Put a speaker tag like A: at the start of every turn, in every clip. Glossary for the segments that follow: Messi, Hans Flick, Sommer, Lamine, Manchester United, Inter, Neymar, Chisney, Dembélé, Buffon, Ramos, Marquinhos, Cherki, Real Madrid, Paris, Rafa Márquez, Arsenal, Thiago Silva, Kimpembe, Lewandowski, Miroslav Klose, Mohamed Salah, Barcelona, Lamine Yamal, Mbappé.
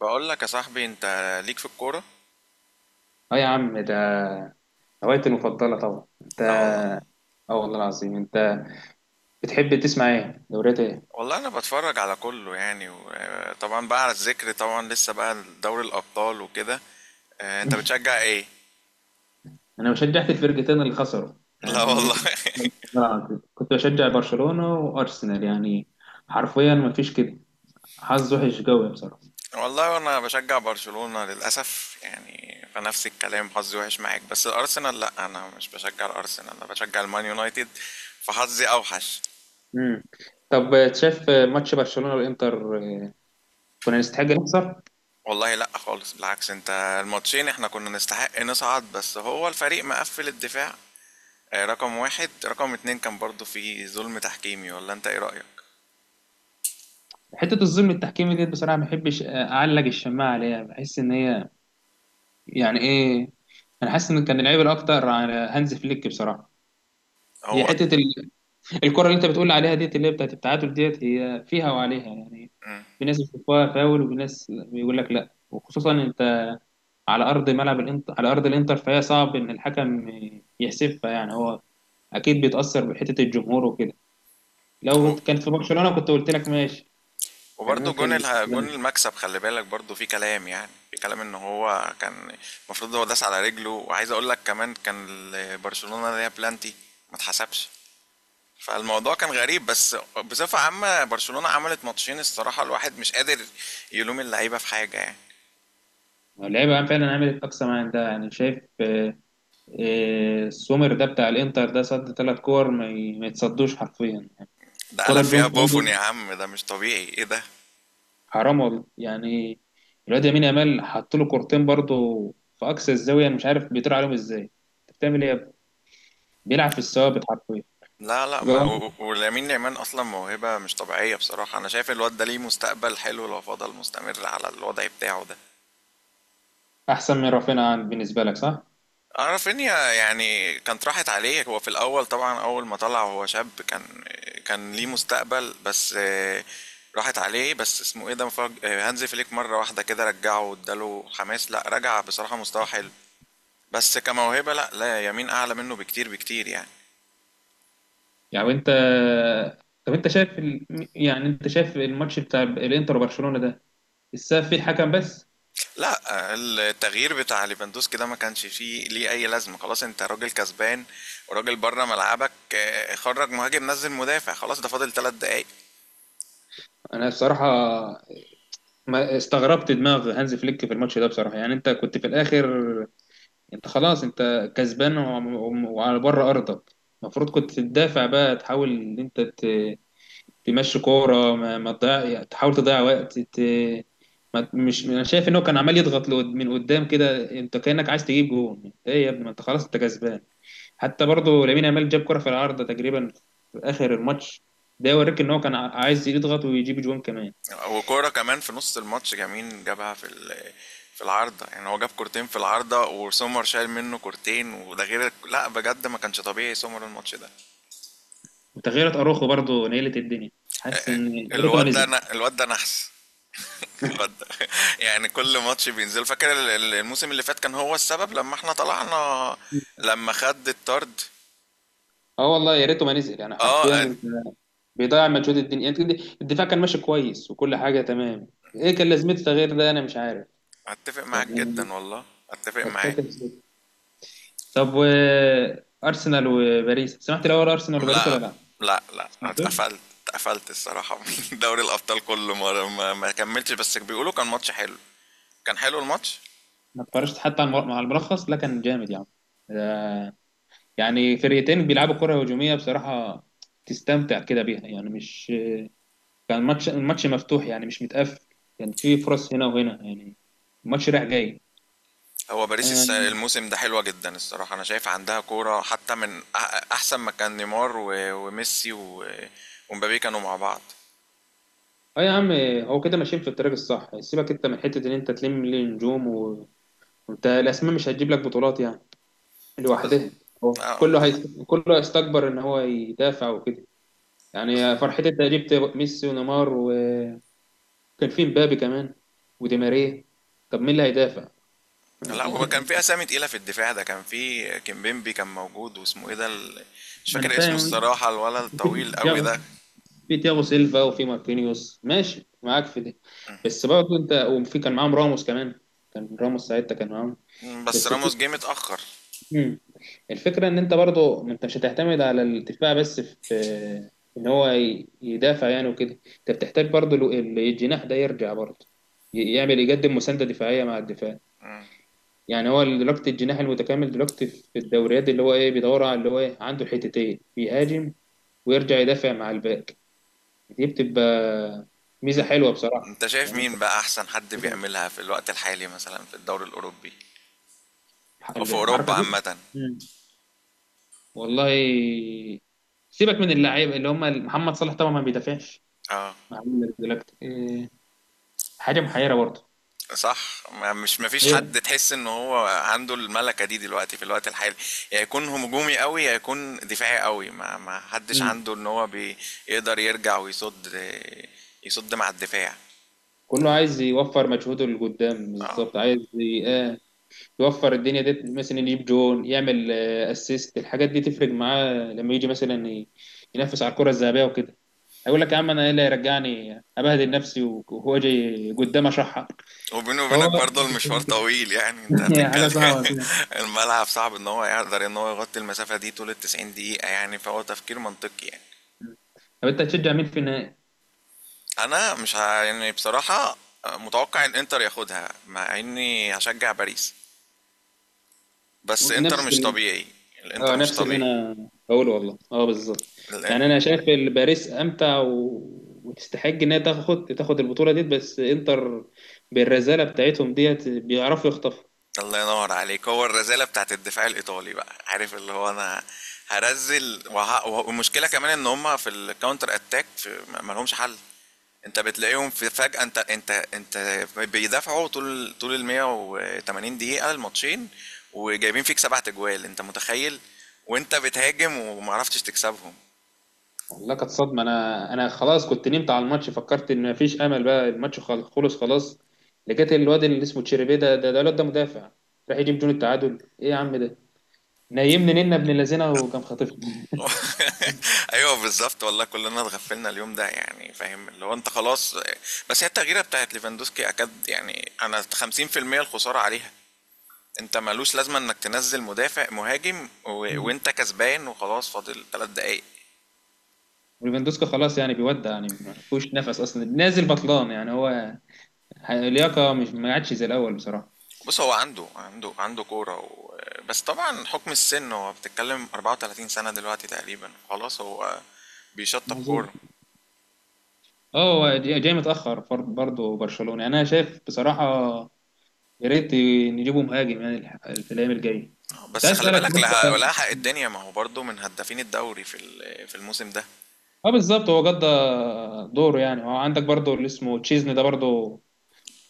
A: بقول لك يا صاحبي، انت ليك في الكوره.
B: اه يا عم، ده هوايتي المفضلة طبعا. انت
A: لا والله.
B: اه والله العظيم. انت بتحب تسمع ايه؟ دوريات ايه؟
A: والله انا بتفرج على كله يعني طبعا بقى على الذكر، طبعا لسه بقى دوري الابطال وكده. انت بتشجع ايه؟
B: انا شجعت الفرقتين اللي خسروا
A: لا
B: يعني،
A: والله.
B: كنت والله العظيم كنت بشجع برشلونة وارسنال يعني، حرفيا ما فيش كده. حظ وحش قوي بصراحة.
A: والله انا بشجع برشلونة للاسف يعني، فنفس الكلام حظي وحش معاك، بس الارسنال لا، انا مش بشجع الارسنال، انا بشجع المان يونايتد، فحظي اوحش.
B: امم طب شايف ماتش برشلونة والانتر؟ اه، كنا نستحق نخسر.
A: والله لا خالص، بالعكس انت، الماتشين احنا كنا نستحق نصعد، بس هو الفريق مقفل الدفاع. رقم واحد رقم اتنين كان برضو في ظلم تحكيمي، ولا انت ايه رأيك؟
B: حتة الظلم التحكيمي دي بصراحة ما بحبش اعلق الشماعة عليها، بحس ان هي يعني ايه، انا حاسس ان كان العيب الاكتر على هانز فليك بصراحة. هي
A: هو
B: حته الكره اللي انت بتقول عليها ديت، اللي هي بتاعت التعادل، ديت هي فيها وعليها يعني. في ناس بتشوفها فاول وفي ناس بيقول لك لا، وخصوصا انت على ارض ملعب الانتر، على ارض الانتر، فهي صعب ان الحكم يحسبها يعني. هو اكيد بيتاثر بحته الجمهور وكده. لو
A: و-
B: كانت في برشلونه كنت قلت لك ماشي، كان
A: وبرضو جون
B: ممكن
A: جون
B: يتحسبها.
A: المكسب، خلي بالك برضو في كلام، يعني في كلام ان هو كان المفروض هو داس على رجله. وعايز اقول لك كمان، كان برشلونة ليها بلانتي ما اتحسبش، فالموضوع كان غريب. بس بصفة عامة برشلونة عملت ماتشين، الصراحة الواحد مش قادر يلوم اللعيبة في حاجة يعني.
B: اللعيبه فعلا عملت اقصى ما عندها يعني، شايف؟ السومر ده بتاع الانتر ده صد 3 كور ما يتصدوش حرفيا يعني.
A: ده
B: كره
A: قلب
B: جون
A: فيها بوفون يا
B: فاضي،
A: عم، ده مش طبيعي، ايه ده؟
B: حرام والله يعني. الواد يمين يامال حط له كورتين برضه في اقصى الزاويه، انا مش عارف بيطير عليهم ازاي. انت بتعمل ايه يا ابني؟ بيلعب في الثوابت حرفيا.
A: لا لا،
B: يبقى
A: ما
B: هو
A: و- و- ولامين يامال اصلا موهبه مش طبيعيه بصراحه. انا شايف الواد ده ليه مستقبل حلو لو فضل مستمر على الوضع بتاعه ده.
B: احسن من رافينيا بالنسبه لك، صح؟
A: اعرف ان يعني كانت راحت عليه هو في الاول طبعا، اول ما طلع وهو شاب كان ليه مستقبل، بس راحت عليه، بس اسمه ايه ده هانز فليك مره واحده كده رجعه واداله حماس، لا رجع بصراحه مستوى حلو. بس كموهبه، لا لا، يمين اعلى منه بكتير بكتير يعني.
B: يعني انت، طب انت شايف ال... يعني انت شايف الماتش بتاع الانتر وبرشلونه ده السبب فيه الحكم بس؟
A: لا، التغيير بتاع ليفاندوسكي ده ما كانش فيه ليه اي لازمه. خلاص انت راجل كسبان وراجل بره ملعبك، خرج مهاجم، نزل مدافع. خلاص ده فاضل 3 دقايق.
B: انا بصراحه ما استغربت دماغ هانز فليك في الماتش ده بصراحه يعني. انت كنت في الاخر، انت خلاص انت كسبان وعلى بره ارضك، المفروض كنت تدافع بقى، تحاول ان انت تمشي كوره ما تضيع، يعني تحاول تضيع وقت ت... ما مش، انا شايف ان هو كان عمال يضغط من قدام كده. انت كانك عايز تجيب جون، انت ايه يا ابني؟ ما انت خلاص انت كسبان. حتى برضه لامين يامال جاب كره في العارضه تقريبا في اخر الماتش، ده يوريك ان هو كان عايز يضغط ويجيب جون كمان.
A: وكوره كمان في نص الماتش جميل جابها في في العارضه، يعني هو جاب كورتين في العارضه، وسومر شايل منه كورتين، وده غير لا بجد ما كانش طبيعي سومر الماتش ده.
B: وتغييرات اروخو برضه نيلت الدنيا، حاسس ان يا ريته ما نزل.
A: الواد ده نحس. الواد ده يعني كل ماتش بينزل، فاكر الموسم اللي فات كان هو السبب لما احنا طلعنا، لما خد الطرد.
B: اه والله، يا ريته ما نزل يعني حرفيا.
A: آه، أت
B: انت بيضيع مجهود الدنيا. انت الدفاع كان ماشي كويس وكل حاجه تمام، ايه كان لازمته تغيير ده؟ انا مش عارف
A: أتّفق معاك
B: يعني.
A: جدًا والله، أتّفق معاك.
B: تكتكل زي- طب، و ارسنال وباريس، سمعت الاول ارسنال وباريس ولا
A: لأ،
B: لا؟
A: لأ، لأ،
B: سمعتوش؟
A: اتقفلت. اتقفلت الصراحة من دوري الأبطال كلّه، ما كمّلتش، بس بيقولوا كان ماتش حلو. كان حلو الماتش؟
B: ما اتفرجت حتى على مع الملخص. لا كان جامد يعني، ده- يعني فرقتين بيلعبوا كره هجوميه بصراحه، تستمتع كده بيها يعني، مش كان ماتش الماتش مفتوح يعني مش متقفل، كان في فرص هنا وهنا يعني، الماتش رايح جاي.
A: هو باريس
B: آه،
A: الموسم ده حلوة جدًا الصراحة، أنا شايف عندها كورة حتّى من أحسن ما كان نيمار و وميسي و ومبابي كانوا مع بعض.
B: اه يا عم، هو كده ماشيين في الطريق الصح. سيبك انت من حته ان انت تلم لي نجوم وانت الاسماء مش هتجيب لك بطولات يعني
A: بالض
B: لوحدها. هو
A: آه،
B: كله
A: بالض
B: كله هيستكبر ان هو يدافع وكده
A: بالض
B: يعني. فرحتي انت جبت ميسي ونيمار، وكان في مبابي كمان ودي ماريا، طب مين اللي هيدافع؟
A: لا، هو كان في اسامي تقيله في الدفاع ده. كان في كيمبيمبي كان موجود، واسمه ايه ده مش
B: ما انا
A: فاكر اسمه
B: فاهم،
A: الصراحه، الولد
B: في
A: الطويل قوي
B: تياغو
A: ده.
B: في تياغو سيلفا وفي ماركينيوس ماشي معاك في دي، بس برضه انت، وفي كان معاهم راموس كمان، كان راموس ساعتها كان معاهم
A: بس
B: بس.
A: راموس جه متاخر.
B: مم. الفكرة إن أنت برضو، ما أنت مش هتعتمد على الدفاع بس في إن هو يدافع يعني وكده. أنت بتحتاج برضو الجناح ده يرجع برضو، يعمل، يقدم مساندة دفاعية مع الدفاع يعني. هو دلوقتي الجناح المتكامل دلوقتي في الدوريات، اللي هو إيه، بيدور على اللي هو إيه عنده الحتتين، بيهاجم ويرجع يدافع مع الباك. دي بتبقى ميزة حلوة بصراحة
A: انت شايف
B: يعني.
A: مين بقى احسن حد
B: أنت
A: بيعملها في الوقت الحالي، مثلا في الدوري الاوروبي او في اوروبا
B: الحركة دي.
A: عامه؟
B: مم. والله سيبك من اللعيبه اللي هم محمد صلاح، طبعا ما بيدافعش،
A: اه،
B: عامل دلوقتي إيه؟ حاجة محيرة برضه.
A: صح، ما مش مفيش
B: محيرة.
A: حد تحس ان هو عنده الملكه دي دلوقتي في الوقت الحالي، يا يكون هجومي قوي يا يكون دفاعي قوي، ما حدش
B: مم.
A: عنده ان هو بيقدر يرجع ويصد، يصد مع الدفاع.
B: كله عايز يوفر مجهوده لقدام
A: اه،
B: بالظبط، عايز يوفر الدنيا دي، مثلا يجيب جون، يعمل اسيست، الحاجات دي تفرق معاه لما يجي مثلا ينافس على الكرة الذهبية وكده. هيقول لك يا عم، انا ايه اللي هيرجعني ابهدل نفسي وهو جاي قدام اشحر؟
A: وبيني
B: فهو
A: وبينك برضه المشوار طويل يعني، انت
B: هي حاجة
A: هتتكلم
B: صعبة كده.
A: الملعب صعب ان هو يقدر ان هو يغطي المسافة دي طول التسعين دقيقة يعني، فهو تفكير منطقي يعني.
B: طب انت هتشجع مين في النهائي؟
A: انا مش يعني بصراحة متوقع ان انتر ياخدها، مع اني هشجع باريس، بس انتر
B: نفس،
A: مش طبيعي. الانتر
B: اه
A: مش
B: نفس اللي
A: طبيعي.
B: انا بقوله والله، اه بالظبط.
A: الانتر
B: يعني انا شايف باريس امتع و... وتستحق انها تاخد البطوله ديت، بس انتر بالرزاله بتاعتهم ديت بيعرفوا يخطفوا.
A: الله ينور عليك، هو الرذالة بتاعة الدفاع الإيطالي بقى، عارف اللي هو أنا هرزل والمشكلة كمان إن هما في الكاونتر أتاك ما لهمش حل. أنت بتلاقيهم في فجأة، أنت بيدافعوا طول ال 180 دقيقة الماتشين، وجايبين فيك 7 تجوال. أنت متخيل وأنت بتهاجم ومعرفتش تكسبهم؟
B: والله كانت صدمه، انا خلاص كنت نمت على الماتش، فكرت ان مفيش امل بقى، الماتش خلص خلاص، لقيت الواد اللي اسمه تشيربي ده، الواد ده مدافع، راح يجيب جون التعادل! ايه يا عم ده؟ نيمني نينا ابن اللذينه، وكان خاطفنا.
A: أيوه بالضبط والله، كلنا اتغفلنا اليوم ده، يعني فاهم اللي هو أنت خلاص. بس هي التغييرة بتاعت ليفاندوسكي أكاد يعني أنا 50% الخسارة عليها. أنت مالوش لازمة إنك تنزل مدافع مهاجم وأنت كسبان وخلاص فاضل 3 دقايق.
B: وليفاندوسكا خلاص يعني، بيودع يعني ما فيهوش نفس اصلا، نازل بطلان يعني. هو اللياقه مش ما عادش زي الاول بصراحه.
A: بص هو عنده كورة بس طبعا حكم السن، هو بتتكلم 34 سنة دلوقتي تقريبا، خلاص هو بيشطب
B: معذور.
A: كورة.
B: اه هو جاي متاخر برضه برشلونه يعني انا شايف بصراحه، يا ريت نجيبه مهاجم يعني في الايام الجايه. كنت
A: بس
B: عايز
A: خلي
B: اسالك،
A: بالك
B: وانت
A: لها حق الدنيا، ما هو برضه من هدافين الدوري في في الموسم ده.
B: اه بالظبط، هو قضى دوره يعني. هو عندك برضه اللي اسمه تشيزني ده برضه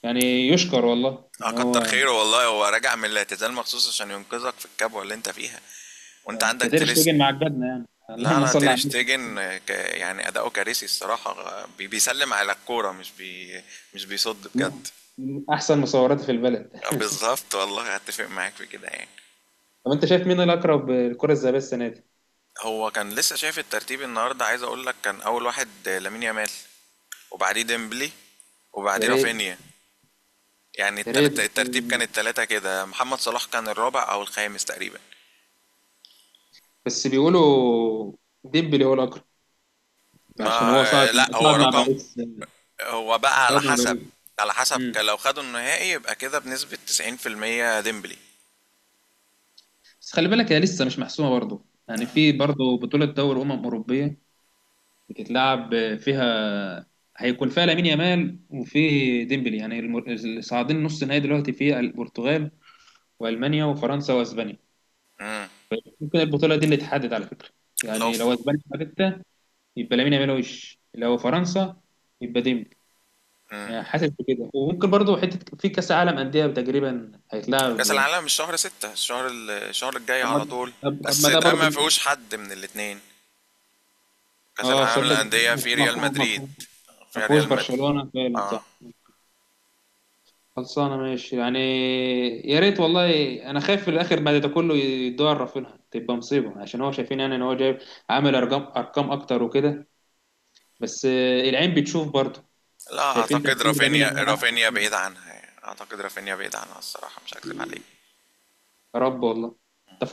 B: يعني يشكر والله
A: اه
B: ان
A: كتر
B: هو
A: خيره والله، هو راجع من الاعتزال مخصوص عشان ينقذك في الكبوة اللي انت فيها، وانت عندك
B: تقدر
A: تريس.
B: تيجي مع جدنا يعني
A: لا
B: اللهم
A: لا،
B: صل
A: تير
B: على النبي،
A: شتيجن، يعني اداؤه كارثي الصراحة، بيسلم على الكورة، مش بيصد بجد.
B: من احسن مصورات في البلد.
A: بالظبط والله، هتفق معاك في كده يعني.
B: طب انت شايف مين الاقرب الكره الذهبيه السنه دي؟
A: هو كان لسه شايف الترتيب النهاردة، عايز اقول لك كان اول واحد لامين يامال، وبعديه ديمبلي،
B: يا
A: وبعديه
B: ريت،
A: رافينيا. يعني
B: يا ريت.
A: الترتيب كان التلاتة كده، محمد صلاح كان الرابع او الخامس تقريبا.
B: بس بيقولوا ديمبلي هو الأقرب عشان
A: ما
B: هو صعد
A: لا هو
B: صعد مع
A: رقم.
B: باريس
A: هو بقى على
B: صعد مع
A: حسب،
B: باريس مم.
A: لو خدوا النهائي يبقى كده بنسبة 90% ديمبلي.
B: بس خلي بالك، هي لسه مش محسومة برضه، يعني في برضه بطولة دوري أمم أوروبية بتتلعب فيها، هيكون فيها لامين يامال وفي ديمبلي يعني، اللي صاعدين نص نهائي دلوقتي في البرتغال وألمانيا وفرنسا وأسبانيا. ممكن البطولة دي اللي تحدد على فكرة،
A: لو
B: يعني
A: في
B: لو أسبانيا خدتها يبقى لامين يامال، وش لو فرنسا يبقى ديمبلي. أنا حاسس بكده. وممكن برضو حته في كاس عالم انديه تقريبا
A: كأس
B: هيتلعب.
A: العالم، مش شهر ستة، الشهر الشهر الجاي
B: طب ما،
A: على طول، بس
B: ده
A: ده ما
B: برضو.
A: فيهوش حد من الاتنين. كأس
B: اه
A: العالم
B: صدق،
A: للأندية في ريال
B: مفهوم
A: مدريد،
B: مفهوم. ما
A: في
B: فيهوش
A: ريال مدريد.
B: برشلونه فعلا،
A: اه،
B: صح خلصانه ماشي يعني، يا ريت والله. انا خايف في الاخر بعد ده كله يدور رافينها تبقى مصيبه، عشان هو شايفين يعني ان هو جايب، عامل ارقام، ارقام اكتر وكده، بس العين بتشوف برضه.
A: لا
B: شايفين
A: اعتقد
B: تاثير لامين
A: رافينيا،
B: يامال احسن.
A: بعيد عنها يعني. اعتقد رافينيا بعيد عنها الصراحة، مش هكذب عليك.
B: يا رب والله.